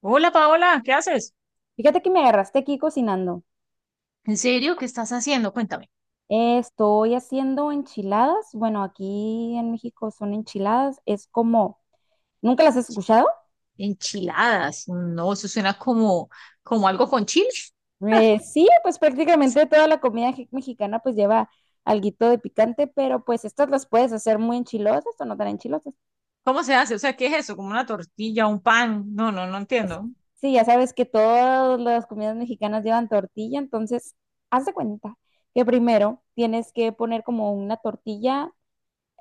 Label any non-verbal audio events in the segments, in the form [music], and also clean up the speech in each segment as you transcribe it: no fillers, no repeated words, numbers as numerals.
Hola Paola, ¿qué haces? Fíjate que me agarraste aquí cocinando. ¿En serio? ¿Qué estás haciendo? Cuéntame. Estoy haciendo enchiladas. Bueno, aquí en México son enchiladas. Es como, ¿nunca las has escuchado? Enchiladas. No, eso suena como, como algo con chile. Sí, pues prácticamente toda la comida mexicana pues lleva alguito de picante, pero pues estas las puedes hacer muy enchilosas o no tan enchilosas. ¿Cómo se hace? O sea, ¿qué es eso? ¿Como una tortilla, un pan? No, no, no entiendo. Sí, ya sabes que todas las comidas mexicanas llevan tortilla, entonces haz de cuenta que primero tienes que poner como una tortilla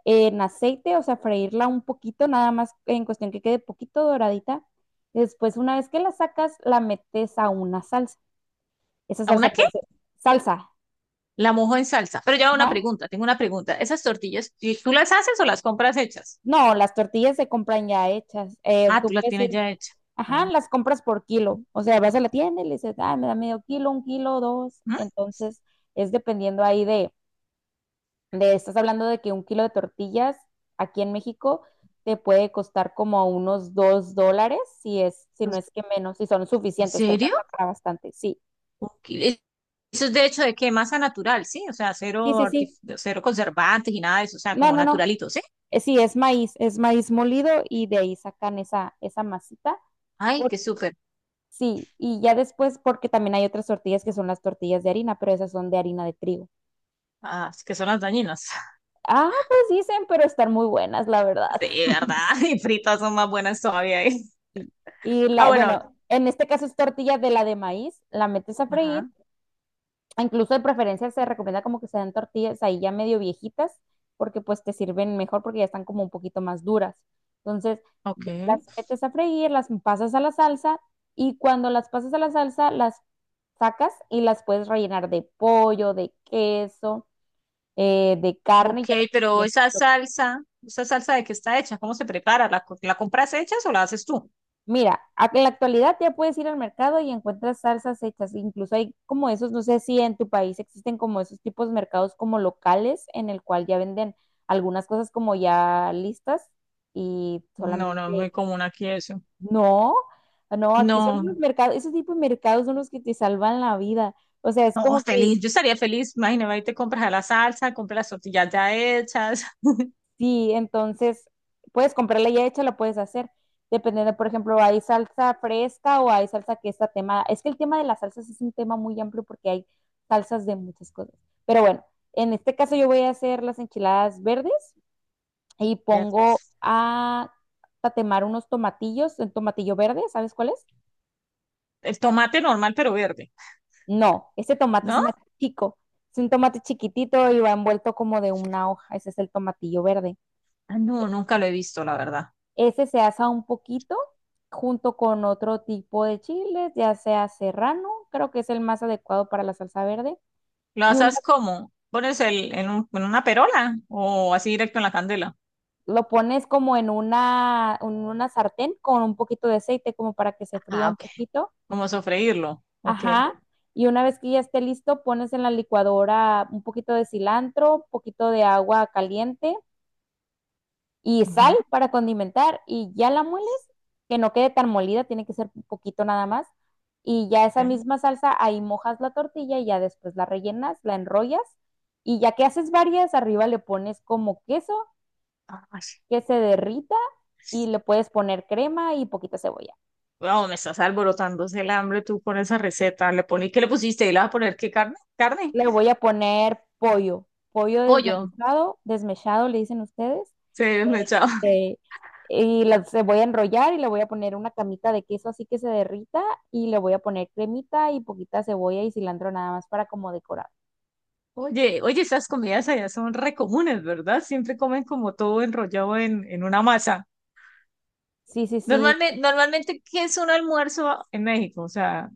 en aceite, o sea, freírla un poquito, nada más en cuestión que quede poquito doradita. Después, una vez que la sacas, la metes a una salsa. Esa ¿A salsa una qué? puede ser salsa. La mojo en salsa. Pero ya una Ajá. pregunta, tengo una pregunta. ¿Esas tortillas, ¿tú las haces o las compras hechas? No, las tortillas se compran ya hechas. Ah, Tú tú las puedes tienes ir, ya hechas. Ah, ajá, las compras por kilo. O sea, vas a la tienda y le dices, ah, me da medio kilo, un kilo, dos. ¿mm? Entonces, es dependiendo ahí estás hablando de que un kilo de tortillas aquí en México te puede costar como unos $2, si es, si no Pues, es que menos, si son ¿en suficientes, te serio? alcanza para bastante. Sí, Ok, e- eso es de hecho de que masa natural, ¿sí? O sea, sí, cero, sí, artif- sí. cero conservantes y nada de eso, o sea, No, como no, no. naturalito, ¿sí? Sí, es maíz molido y de ahí sacan esa masita. Ay, Por- qué súper. sí, y ya después, porque también hay otras tortillas que son las tortillas de harina, pero esas son de harina de trigo. Ah, es que son las dañinas. [laughs] Ah, pues dicen, pero están muy buenas, la verdad. Sí, [laughs] ¿verdad? [laughs] Y fritas son más buenas todavía. [laughs] ¿Eh? Y Ah, la, bueno. bueno, en este caso es tortilla de la de maíz, la metes a freír. Ajá. Incluso de preferencia se recomienda como que se den tortillas ahí ya medio viejitas, porque pues te sirven mejor porque ya están como un poquito más duras. Entonces, Ok. ya las metes a freír, las pasas a la salsa y cuando las pasas a la salsa, las sacas y las puedes rellenar de pollo, de queso, de carne, y Ok, ya le pero ¿esa salsa de qué está hecha? ¿Cómo se prepara? ¿La, co- la compras hecha o la haces tú? Mira, en la actualidad ya puedes ir al mercado y encuentras salsas hechas. Incluso hay como esos, no sé si en tu país existen como esos tipos de mercados como locales en el cual ya venden algunas cosas como ya listas y No, no, es solamente. muy común aquí eso. No, no, aquí son No, los mercados, esos tipos de mercados son los que te salvan la vida. O sea, es no, como que. feliz. Yo estaría feliz. Imagínate, ahí te compras la salsa, compras las tortillas ya hechas. Sí, entonces puedes comprarla ya hecha, la puedes hacer. Dependiendo, por ejemplo, hay salsa fresca o hay salsa que está temada. Es que el tema de las salsas es un tema muy amplio porque hay salsas de muchas cosas. Pero bueno, en este caso yo voy a hacer las enchiladas verdes y [laughs] Ver- pongo a tatemar unos tomatillos, el tomatillo verde, ¿sabes cuál es? el tomate normal, pero verde, No, ese tomate es ¿no? más chico. Es un tomate chiquitito y va envuelto como de una hoja. Ese es el tomatillo verde. Ah, no, nunca lo he visto, la verdad. Ese se asa un poquito junto con otro tipo de chiles, ya sea serrano, creo que es el más adecuado para la salsa verde. ¿Lo Y una, haces cómo? ¿Pones el, en, un- en una perola o así directo en la candela? lo pones como en una, sartén con un poquito de aceite, como para que se fría Ah, un ok. poquito. Como sofreírlo. Ok. Ajá. Y una vez que ya esté listo, pones en la licuadora un poquito de cilantro, un poquito de agua caliente y sal Ujú, para condimentar y ya la mueles, que no quede tan molida, tiene que ser un poquito nada más. Y ya esa ok. misma salsa, ahí mojas la tortilla y ya después la rellenas, la enrollas y ya que haces varias, arriba le pones como queso Ay, que se derrita y le puedes poner crema y poquita cebolla. wow, me estás alborotándose el hambre tú con esa receta. Le poní, ¿qué le pusiste? ¿Y le vas a poner qué carne? ¿Carne? Le voy a poner pollo, pollo Pollo. desmenuzado, desmechado le dicen ustedes. Sí, me echaba. Este, y la se voy a enrollar y le voy a poner una camita de queso así que se derrita y le voy a poner cremita y poquita cebolla y cilantro nada más para como decorar. Oye, oye, esas comidas allá son re comunes, ¿verdad? Siempre comen como todo enrollado en una masa. Sí, sí, sí. Normalmente, normalmente, ¿qué es un almuerzo en México? O sea,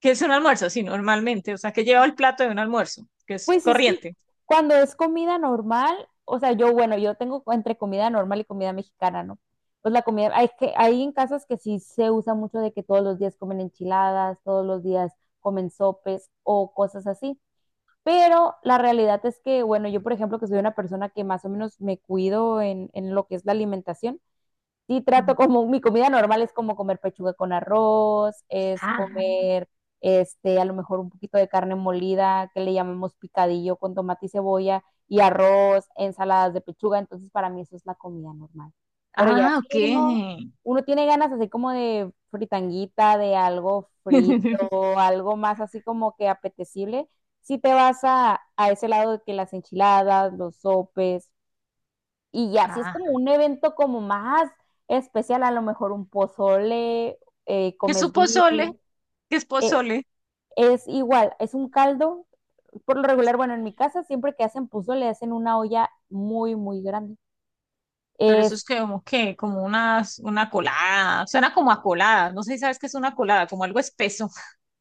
¿qué es un almuerzo? Sí, normalmente. O sea, ¿qué lleva el plato de un almuerzo? Que es Pues es que corriente. cuando es comida normal, o sea, yo, bueno, yo tengo entre comida normal y comida mexicana, ¿no? Pues la comida, hay en casas que sí se usa mucho de que todos los días comen enchiladas, todos los días comen sopes o cosas así. Pero la realidad es que, bueno, yo por ejemplo, que soy una persona que más o menos me cuido en, lo que es la alimentación, sí Ujú. trato como, mi comida normal es como comer pechuga con arroz, es Ah, comer, a lo mejor un poquito de carne molida, que le llamamos picadillo con tomate y cebolla, y arroz, ensaladas de pechuga, entonces para mí eso es la comida normal. Pero ya ah, si ok. uno, tiene ganas así como de fritanguita, de algo frito, [laughs] algo más así como que apetecible, si te vas a ese lado de que las enchiladas, los sopes, y ya, si es Ah, como un evento como más especial, a lo mejor un pozole, es su comes birria. pozole, que es eh, pozole, es igual, es un caldo. Por lo regular, bueno, en mi casa siempre que hacen pozole hacen una olla muy, muy grande. pero Es. eso es como que, como unas, una colada, suena como a colada, no sé si sabes qué es una colada, como algo espeso.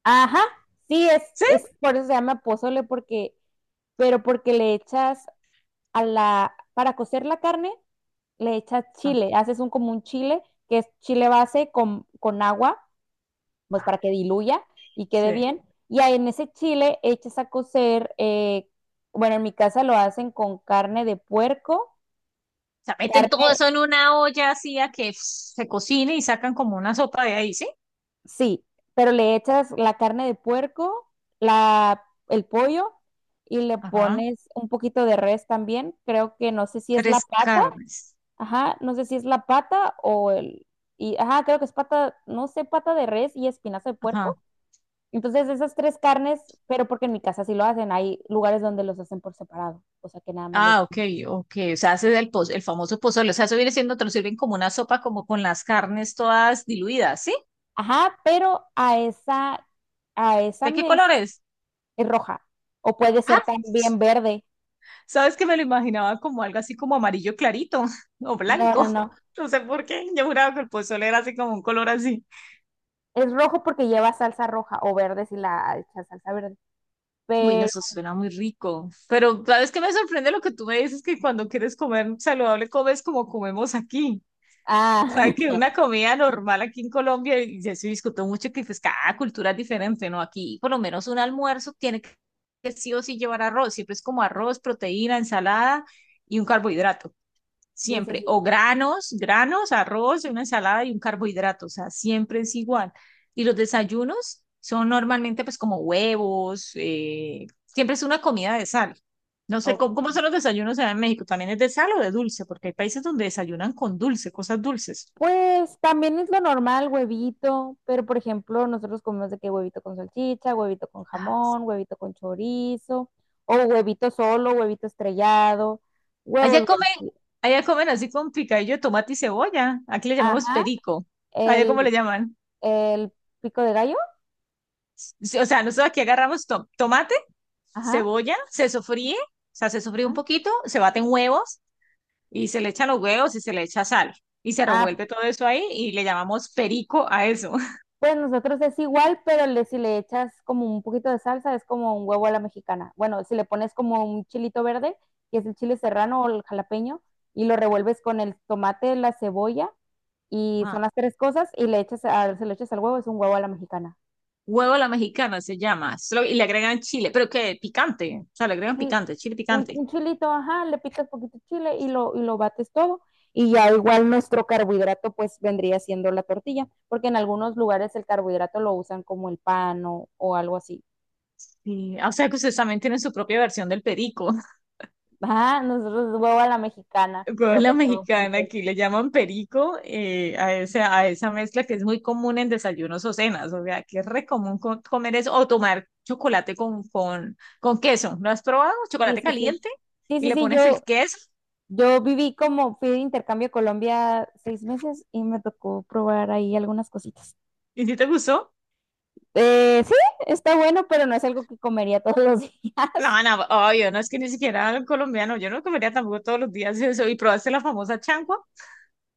Ajá. Sí, es, [laughs] ¿Sí? es por eso se llama pozole, pero porque le echas a la, para cocer la carne, le echas Ah, chile, haces un como un chile, que es chile base con agua pues para que diluya y quede sí. bien. Y ahí en ese chile echas a cocer, bueno, en mi casa lo hacen con carne de puerco, O sea, meten todo carne, eso en una olla así a que pf, se cocine y sacan como una sopa de ahí, ¿sí? sí, pero le echas la carne de puerco, la, el pollo y le Ajá. pones un poquito de res también. Creo que no sé si es la Tres pata, carnes. ajá, no sé si es la pata o el, y, ajá, creo que es pata, no sé, pata de res y espinazo de puerco. Ajá. Entonces esas tres carnes, pero porque en mi casa sí lo hacen, hay lugares donde los hacen por separado, o sea que nada más le Ah, ok, echan. ok. O sea, hace el, poz- el famoso pozole. O sea, eso viene siendo, te lo sirven como una sopa, como con las carnes todas diluidas, ¿sí? Ajá, pero a esa ¿De qué color mezcla es? es roja, o puede ser Ah, también verde. sabes que me lo imaginaba como algo así como amarillo clarito [laughs] o No, no, blanco. no. No sé por qué. Yo juraba que el pozole era así como un color así. Es rojo porque lleva salsa roja, o verde si la echas salsa verde. Uy, no, Pero, eso suena muy rico. Pero sabes que me sorprende lo que tú me dices que cuando quieres comer saludable comes como comemos aquí. O sea, ah, que [laughs] una comida normal aquí en Colombia, y ya se discutió mucho que pues cada cultura es diferente, ¿no? Aquí por lo menos un almuerzo tiene que sí o sí llevar arroz. Siempre es como arroz, proteína, ensalada y un carbohidrato. sí, sí, Siempre, sí. o granos, granos, arroz, una ensalada y un carbohidrato, o sea, siempre es igual. Y los desayunos son normalmente pues como huevos, siempre es una comida de sal. No sé cómo, cómo son los desayunos allá en México, también es de sal o de dulce, porque hay países donde desayunan con dulce, cosas dulces. Pues también es lo normal, huevito, pero por ejemplo, nosotros comemos de que huevito con salchicha, huevito con jamón, huevito con chorizo, o huevito solo, huevito estrellado, Allá huevos comen, golpeados. allá comen así con picadillo de tomate y cebolla, aquí le llamamos Ajá, perico, allá cómo le el, llaman. el pico de gallo, Sí, o sea, nosotros aquí agarramos to tomate, ajá. cebolla, se sofríe, o sea, se sofríe un Ajá. poquito, se baten huevos y se le echan los huevos y se le echa sal y se Ah, revuelve todo eso ahí y le llamamos perico a eso. pues nosotros es igual, pero le, si le echas como un poquito de salsa, es como un huevo a la mexicana. Bueno, si le pones como un chilito verde, que es el chile serrano o el jalapeño, y lo revuelves con el tomate, la cebolla [laughs] y son Ajá. las tres cosas y le echas se lo echas al huevo, es un huevo a la mexicana. Huevo a la mexicana se llama, solo- y le agregan chile, pero que picante, o sea, le agregan Y picante, chile un, picante. un chilito, ajá, le picas poquito chile y lo bates todo. Y ya igual nuestro carbohidrato pues vendría siendo la tortilla, porque en algunos lugares el carbohidrato lo usan como el pan o, algo así. Sí, ah, o sea que ustedes también tienen su propia versión del perico. Ajá, nosotros es huevo a la mexicana, pero Rola pues lleva un mexicana, poquito de... aquí le llaman perico a, ese, a esa mezcla que es muy común en desayunos o cenas, o sea, que es re común co- comer eso o tomar chocolate con queso. ¿Lo has probado? Sí, Chocolate sí, sí. caliente Sí, y sí, le sí, pones el yo, queso. yo viví como, fui de intercambio a Colombia 6 meses y me tocó probar ahí algunas cositas. ¿Y si te gustó? Sí, está bueno, pero no es algo que comería todos los días. No, [laughs] no, obvio, no es que ni siquiera el colombiano, yo no comería tampoco todos los días eso. ¿Y probaste la famosa changua?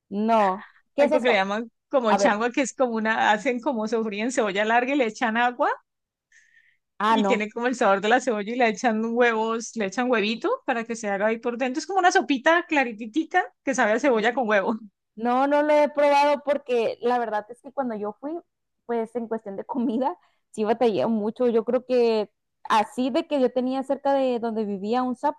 No. ¿Qué es Algo que le eso? llaman como A ver. changua, que es como una, hacen como sofrí en cebolla larga y le echan agua. Ah, Y no. tiene como el sabor de la cebolla y le echan huevos, le echan huevito para que se haga ahí por dentro. Es como una sopita claritita que sabe a cebolla con huevo. [laughs] No, no lo he probado porque la verdad es que cuando yo fui, pues en cuestión de comida, sí batallé mucho. Yo creo que así de que yo tenía cerca de donde vivía un Subway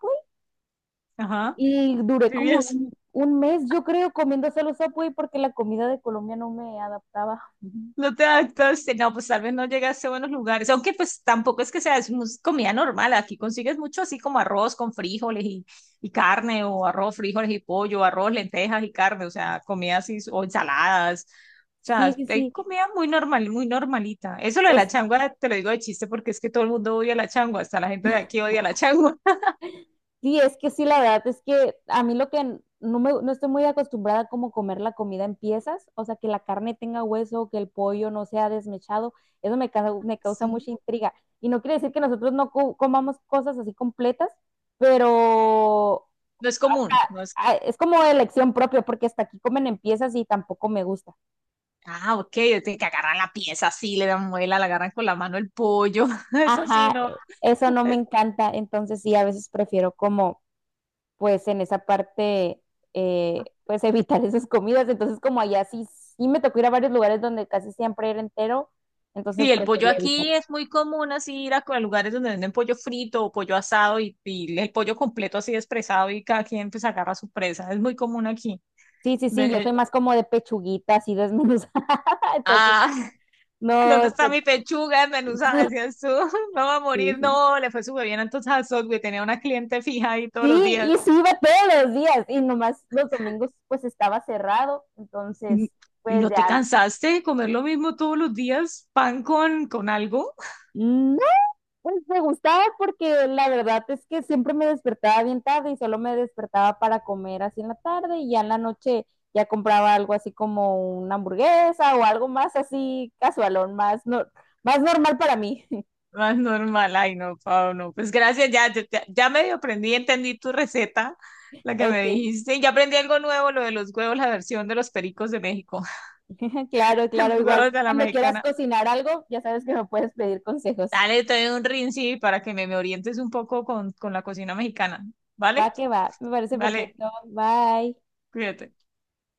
Ajá. y duré ¿Sí como vieras? un mes, yo creo, comiendo solo Subway porque la comida de Colombia no me adaptaba. [laughs] No te adaptas, no, pues tal vez no llegaste a buenos lugares, aunque pues tampoco es que sea es mus- comida normal, aquí consigues mucho así como arroz con frijoles y carne, o arroz, frijoles y pollo, arroz, lentejas y carne, o sea, comida así, o ensaladas, o Sí, sea, hay sí, comida muy normal, muy normalita. Eso lo de la sí. changua te lo digo de chiste porque es que todo el mundo odia la changua, hasta la gente de aquí odia la changua. [laughs] Sí, es que sí, la verdad es que a mí lo que no me, no estoy muy acostumbrada a como comer la comida en piezas, o sea, que la carne tenga hueso, que el pollo no sea desmechado, eso me, me causa Sí. mucha intriga. Y no quiere decir que nosotros no comamos cosas así completas, pero No es común, no es... ah, es como elección propia, porque hasta aquí comen en piezas y tampoco me gusta. Ah, ok, de que agarran la pieza así, le dan muela, le agarran con la mano el pollo, [laughs] eso sí, Ajá, no. Eso no me encanta, entonces sí, a veces prefiero como pues en esa parte, pues [laughs] evitar esas comidas. Entonces, como allá sí, sí me tocó ir a varios lugares donde casi siempre era entero, Sí, entonces el pollo prefería evitar. aquí es muy común así ir a co- a lugares donde venden pollo frito o pollo asado y el pollo completo así despresado y cada quien pues agarra su presa. Es muy común aquí. Sí, sí, sí, yo soy De, más como de pechuguita, así desmenuzada, [laughs] entonces ah, [laughs] ¿dónde no, está mi pechuga sí, desmenuzada? Decías tú, [laughs] no va a sí, morir. sí. No, le fue súper bien entonces a Subway. Tenía una cliente fija ahí todos los Sí, días. y sí iba todos los días, y nomás los domingos pues estaba cerrado, entonces ¿Y, y pues no te ya, cansaste de comer lo mismo todos los días? ¿Pan con algo? mm, Pues me gustaba porque la verdad es que siempre me despertaba bien tarde y solo me despertaba para comer así en la tarde y ya en la noche ya compraba algo así como una hamburguesa o algo más así casualón, más, no, más normal para mí. [laughs] Más normal, ay no, Pau, no. Pues gracias, ya, ya, ya medio aprendí, entendí tu receta, la que me Ok, dijiste, y ya aprendí algo nuevo, lo de los huevos, la versión de los pericos de México, [laughs] claro, [laughs] los claro, igual. huevos de la Cuando quieras mexicana. cocinar algo, ya sabes que me puedes pedir consejos. Dale, te doy un rinci para que me orientes un poco con la cocina mexicana, Va ¿vale? que va, me parece Vale, perfecto. Bye. cuídate.